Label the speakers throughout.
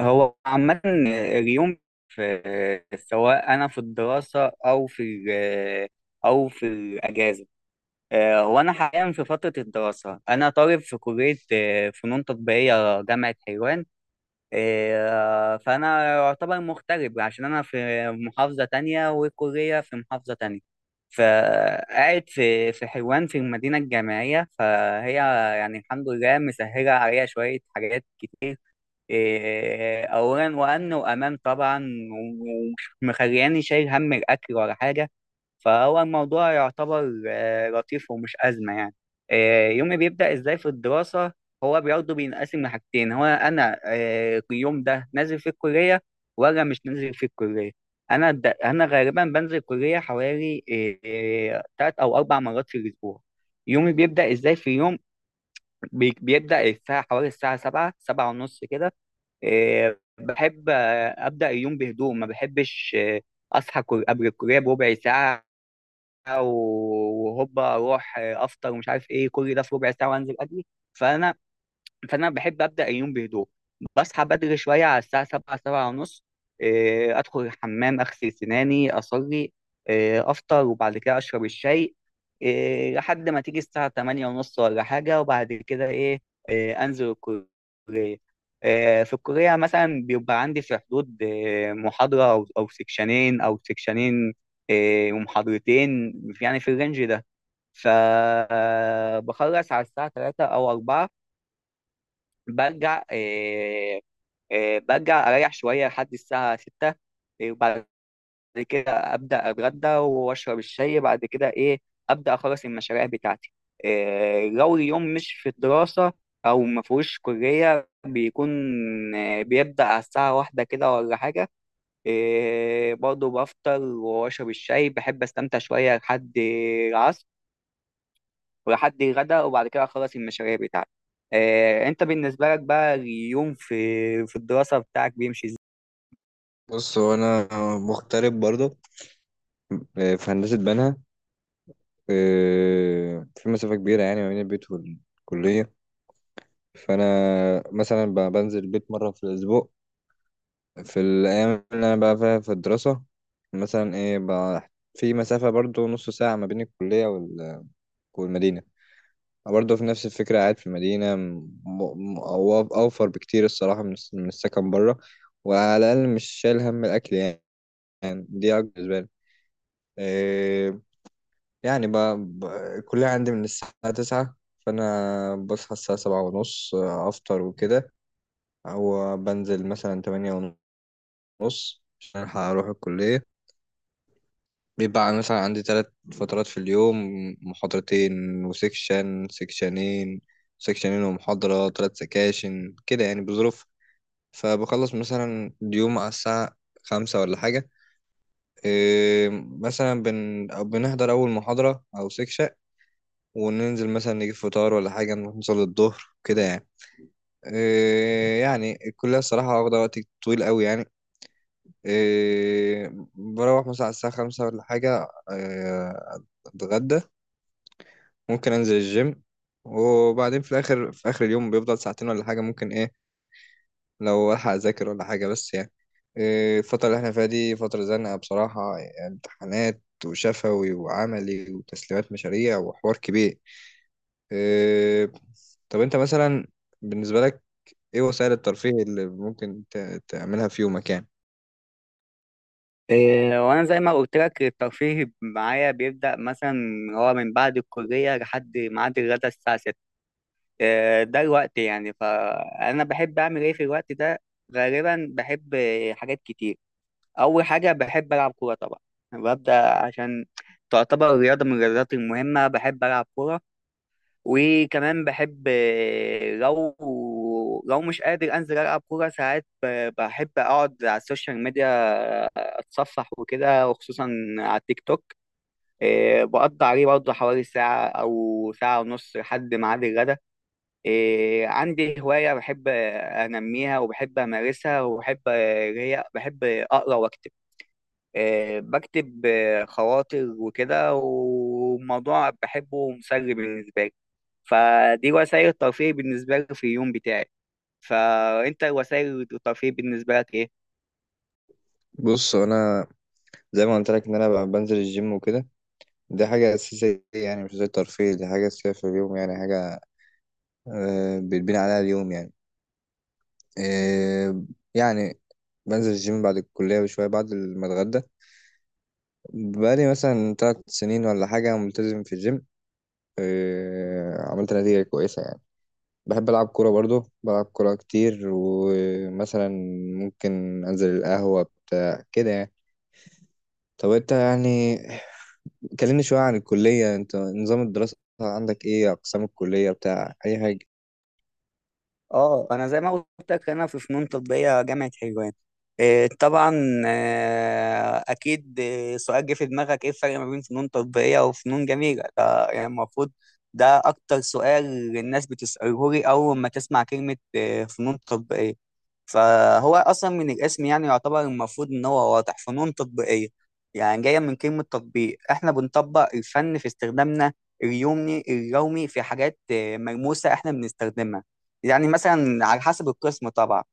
Speaker 1: هو عامة اليوم في سواء أنا في الدراسة أو أو في الأجازة. هو أنا حاليا في فترة الدراسة، أنا طالب في كلية فنون تطبيقية، جامعة حلوان. فأنا يعتبر مغترب عشان أنا في محافظة تانية والكلية في محافظة تانية، فقاعد في حلوان في المدينة الجامعية. فهي يعني الحمد لله مسهلة عليا شوية حاجات، إيه، اولا وان وامام طبعا، ومش مخلياني شايل هم الاكل ولا حاجه. فهو الموضوع يعتبر لطيف ومش ازمه يعني. يومي بيبدا ازاي في الدراسه؟ هو برضه بينقسم لحاجتين، هو انا اليوم ده نازل في الكليه ولا مش نازل في الكليه. انا غالبا بنزل الكليه حوالي 3 او 4 مرات في الاسبوع. يومي بيبدا ازاي في يوم؟ بيبدا الساعه حوالي الساعه 7، 7 ونص كده. إيه، بحب أبدأ اليوم بهدوء، ما بحبش أصحى قبل الكلية بربع ساعة وهوبا أروح أفطر ومش عارف إيه كل ده في ربع ساعة وأنزل أجري. فأنا فانا بحب ابدا اليوم بهدوء، بصحى بدري شويه على الساعه 7، 7 ونص. ادخل الحمام، اغسل سناني، اصلي، افطر، وبعد كده اشرب الشاي لحد ما تيجي الساعه 8 ونص ولا حاجه. وبعد كده ايه؟ انزل الكليه. في الكليه مثلا بيبقى عندي في حدود محاضره او سكشنين ومحاضرتين، يعني في الرينج ده. فبخلص على الساعه 3 او 4، برجع آه، آه، برجع اريح شويه لحد الساعه 6. وبعد كده ابدا اتغدى واشرب الشاي، بعد كده ايه، ابدا اخلص المشاريع بتاعتي. لو اليوم مش في الدراسه او ما فيهوش كليه، بيكون بيبدا على الساعه واحدة كده ولا حاجه. برضه بفطر واشرب الشاي، بحب استمتع شويه لحد العصر ولحد الغدا، وبعد كده اخلص المشاريع بتاعتي. انت بالنسبه لك بقى اليوم في الدراسه بتاعك بيمشي ازاي؟
Speaker 2: بص هو انا مغترب برضه، في هندسه بنها. في مسافه كبيره يعني ما بين البيت والكليه. فانا مثلا بنزل البيت مره في الاسبوع، في الايام اللي انا بقى فيها في الدراسه. مثلا ايه بقى، في مسافه برضه نص ساعه ما بين الكليه والمدينه. برضه في نفس الفكره، قاعد في المدينه اوفر بكتير الصراحه من السكن بره، وعلى الاقل مش شايل هم الاكل يعني. يعني دي أكبر بالنسبه لي. آه، يعني ب... الكلية عندي من الساعة 9، فأنا بصحى الساعة 7:30، أفطر وكده، أو بنزل مثلا 8:30 عشان ألحق أروح الكلية. بيبقى مثلا عندي تلات فترات في اليوم، محاضرتين وسكشن سكشنين ومحاضرة، تلات سكاشن كده يعني بظروف. فبخلص مثلا اليوم على الساعة 5 ولا حاجة. إيه، مثلا أو بنحضر أول محاضرة أو سكشن، وننزل مثلا نجيب فطار ولا حاجة، نروح نصلي الظهر كده يعني. إيه يعني الكلية الصراحة واخدة وقت طويل قوي يعني. إيه بروح مثلا على الساعة 5 ولا حاجة، إيه أتغدى، ممكن أنزل الجيم، وبعدين في الآخر، في آخر اليوم بيفضل ساعتين ولا حاجة، ممكن إيه لو ألحق أذاكر ولا حاجة، بس يعني إيه، الفترة اللي إحنا فيها دي فترة زنقة بصراحة، يعني امتحانات وشفوي وعملي وتسليمات مشاريع وحوار كبير. إيه، طب انت مثلا، بالنسبة لك ايه وسائل الترفيه اللي ممكن تعملها في يومك يعني؟
Speaker 1: وانا زي ما قلت لك الترفيه معايا بيبدا مثلا هو من بعد الكليه لحد ميعاد الغدا الساعه 6. ده الوقت يعني، فانا بحب اعمل ايه في الوقت ده؟ غالبا بحب حاجات كتير. اول حاجه بحب العب كوره طبعا، ببدا عشان تعتبر رياضه من الرياضات المهمه، بحب العب كوره. وكمان بحب لو مش قادر انزل العب كوره ساعات، بحب اقعد على السوشيال ميديا، اتصفح وكده، وخصوصا على التيك توك. بقضي عليه برضه حوالي ساعه او ساعه ونص لحد ميعاد الغدا. عندي هوايه بحب انميها وبحب امارسها وبحب اللي هي بحب اقرا واكتب. بكتب خواطر وكده، وموضوع بحبه ومسلي بالنسبه لي. فدي وسائل الترفيه بالنسبة لي في اليوم بتاعي. فأنت وسائل الترفيه بالنسبة لك إيه؟
Speaker 2: بص انا زي ما قلت لك ان انا بنزل الجيم وكده. دي حاجة أساسية، يعني مش زي الترفيه، دي حاجة أساسية في اليوم، يعني حاجة بيتبني عليها اليوم يعني. آه، يعني بنزل الجيم بعد الكلية بشوية، بعد ما اتغدى. بقالي مثلا 3 سنين ولا حاجة ملتزم في الجيم، عملت نتيجة كويسة يعني. بحب ألعب كورة برضو، بلعب كورة كتير، ومثلا ممكن أنزل القهوة بتاع كده يعني. طب أنت يعني، كلمني شوية عن الكلية. أنت نظام الدراسة عندك إيه؟ أقسام الكلية بتاع أي حاجة؟
Speaker 1: اه، انا زي ما قلت لك انا في فنون تطبيقيه جامعه حلوان. إيه طبعا، اكيد سؤال جه في دماغك ايه الفرق ما بين فنون تطبيقيه وفنون جميله؟ ده يعني المفروض، ده اكتر سؤال الناس بتساله لي اول ما تسمع كلمه فنون تطبيقيه. فهو اصلا من الاسم يعني يعتبر المفروض ان هو واضح، فنون تطبيقيه يعني جايه من كلمه تطبيق، احنا بنطبق الفن في استخدامنا اليومي في حاجات ملموسه احنا بنستخدمها، يعني مثلا على حسب القسم طبعا،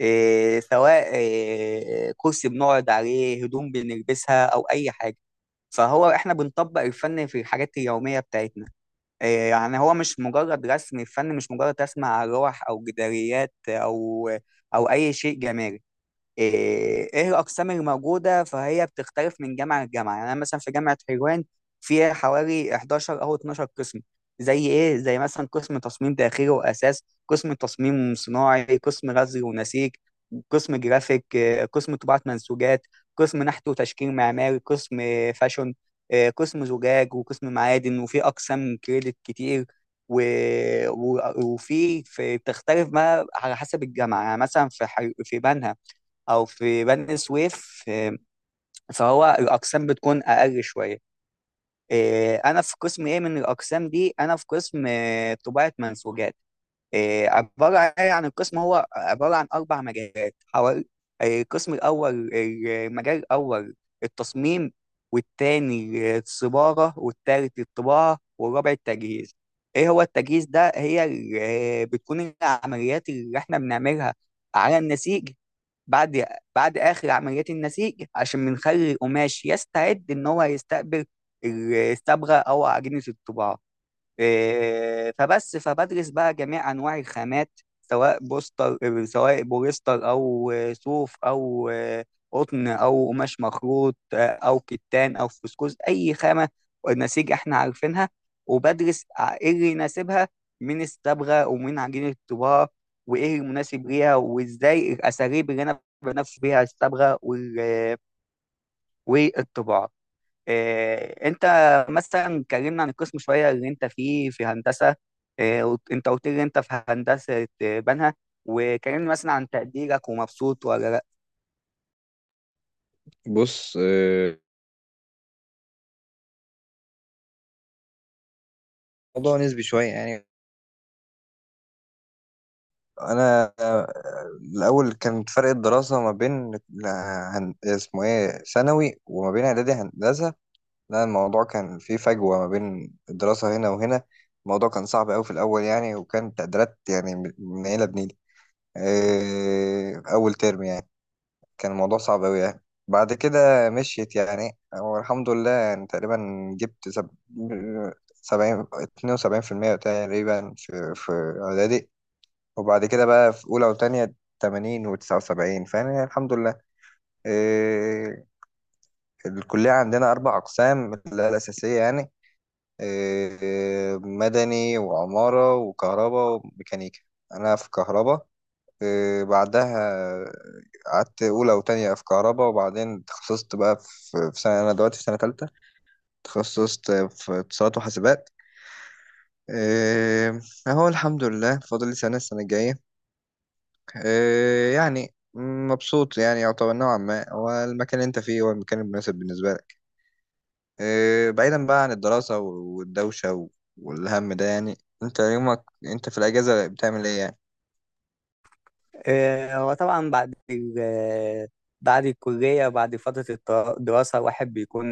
Speaker 1: إيه سواء إيه كرسي بنقعد عليه، هدوم بنلبسها، او اي حاجه. فهو احنا بنطبق الفن في الحاجات اليوميه بتاعتنا. إيه، يعني هو مش مجرد رسم، الفن مش مجرد رسم على لوح او جداريات او اي شيء جمالي. ايه، إيه الاقسام الموجوده؟ فهي بتختلف من جامعه لجامعه، يعني انا مثلا في جامعه حلوان فيها حوالي 11 او 12 قسم. زي ايه؟ زي مثلا قسم تصميم داخلي واساس، قسم تصميم صناعي، قسم غزل ونسيج، قسم جرافيك، قسم طباعه منسوجات، قسم نحت وتشكيل معماري، قسم فاشون، قسم زجاج، وقسم معادن، وفي اقسام كريدت كتير و... و... وفي تختلف ما على حسب الجامعه، يعني مثلا في في بنها او في بني سويف. فهو الاقسام بتكون اقل شويه. انا في قسم ايه من الاقسام دي؟ انا في قسم طباعه منسوجات. عباره ايه عن القسم؟ هو عباره عن 4 مجالات حوالي. القسم الاول، المجال الاول التصميم، والتاني الصباغه، والتالت الطباعه، والرابع التجهيز. ايه هو التجهيز ده؟ هي بتكون العمليات اللي احنا بنعملها على النسيج، بعد بعد آخر عمليات النسيج عشان بنخلي القماش يستعد إن هو يستقبل الصبغة أو عجينة الطباعة. إيه، فبس فبدرس بقى جميع انواع الخامات، سواء بوستر، سواء بوليستر او صوف او قطن او قماش مخروط او كتان او فسكوز، اي خامه نسيج احنا عارفينها. وبدرس ايه اللي يناسبها من الصبغه ومن عجينه الطباعه، وايه المناسب ليها، وازاي الاساليب اللي انا بنفذ بيها الصبغه والطباعه. إيه، انت مثلا اتكلمنا عن القسم شويه اللي انت فيه في هندسه. إيه، انت قلت لي انت في هندسه بنها. وكلمني مثلا عن تقديرك ومبسوط ولا لا؟
Speaker 2: بص، الموضوع نسبي شوية يعني. أنا الأول كان فرق الدراسة ما بين اسمه إيه ثانوي وما بين إعدادي هندسة. لا، الموضوع كان فيه فجوة ما بين الدراسة هنا وهنا، الموضوع كان صعب أوي في الأول يعني، وكان تقديرات يعني من عيلة بنيلة. إيه، أول ترم يعني كان الموضوع صعب أوي يعني. بعد كده مشيت يعني، والحمد لله يعني تقريبا جبت 70، 72% تقريبا، في إعدادي. وبعد كده بقى في أولى وتانية 80 و79، فأنا الحمد لله. إيه، الكلية عندنا أربع أقسام اللي هي الأساسية يعني، مدني وعمارة وكهرباء وميكانيكا. أنا في كهرباء. بعدها قعدت أولى وتانية في كهرباء، وبعدين تخصصت بقى في سنة، أنا دلوقتي في سنة تالتة، تخصصت في اتصالات وحاسبات. آه، أهو الحمد لله فاضل لي سنة، السنة الجاية. يعني مبسوط يعني، يعتبر نوعا ما هو المكان اللي أنت فيه هو المكان المناسب بالنسبة لك. إيه، بعيدا بقى عن الدراسة والدوشة والهم ده يعني، انت يومك انت في الأجازة بتعمل ايه يعني؟
Speaker 1: إيه، هو طبعا بعد بعد الكليه، بعد فتره الدراسه، الواحد بيكون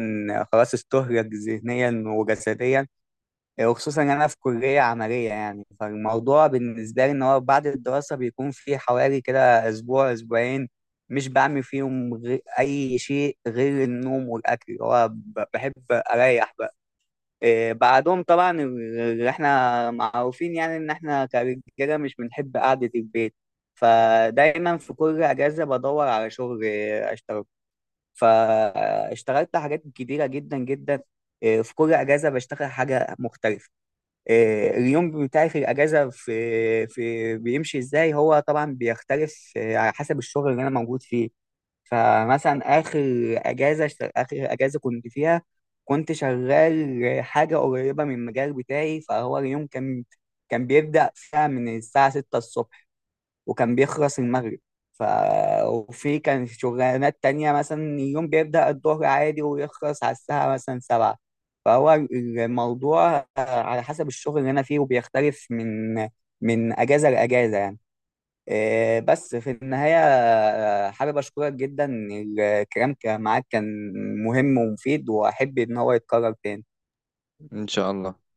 Speaker 1: خلاص استهلك ذهنيا وجسديا، وخصوصا انا في كليه عمليه يعني. فالموضوع بالنسبه لي ان هو بعد الدراسه بيكون في حوالي كده اسبوع اسبوعين مش بعمل فيهم غير اي شيء غير النوم والاكل. هو بحب اريح بقى. إيه بعدهم طبعا اللي احنا معروفين، يعني ان احنا كرجاله مش بنحب قعده البيت، فدايما في كل اجازه بدور على شغل، إيه، اشتغل. فاشتغلت حاجات كتيره جدا جدا. إيه، في كل اجازه بشتغل حاجه مختلفه. اليوم بتاعي في الاجازه في بيمشي ازاي؟ هو طبعا بيختلف على حسب الشغل اللي انا موجود فيه. فمثلا اخر اخر اجازه كنت فيها، كنت شغال حاجه قريبه من المجال بتاعي. فهو اليوم كان، كان بيبدا فيها من الساعه 6 الصبح وكان بيخلص المغرب. ف... وفي كان شغلانات تانية، مثلا يوم بيبدأ الظهر عادي ويخلص على الساعة مثلا 7. فهو الموضوع على حسب الشغل اللي أنا فيه، وبيختلف من أجازة لأجازة يعني. إيه، بس في النهاية حابب أشكرك جدا، الكلام معاك كان مهم ومفيد، وأحب إن هو يتكرر تاني.
Speaker 2: ان شاء الله.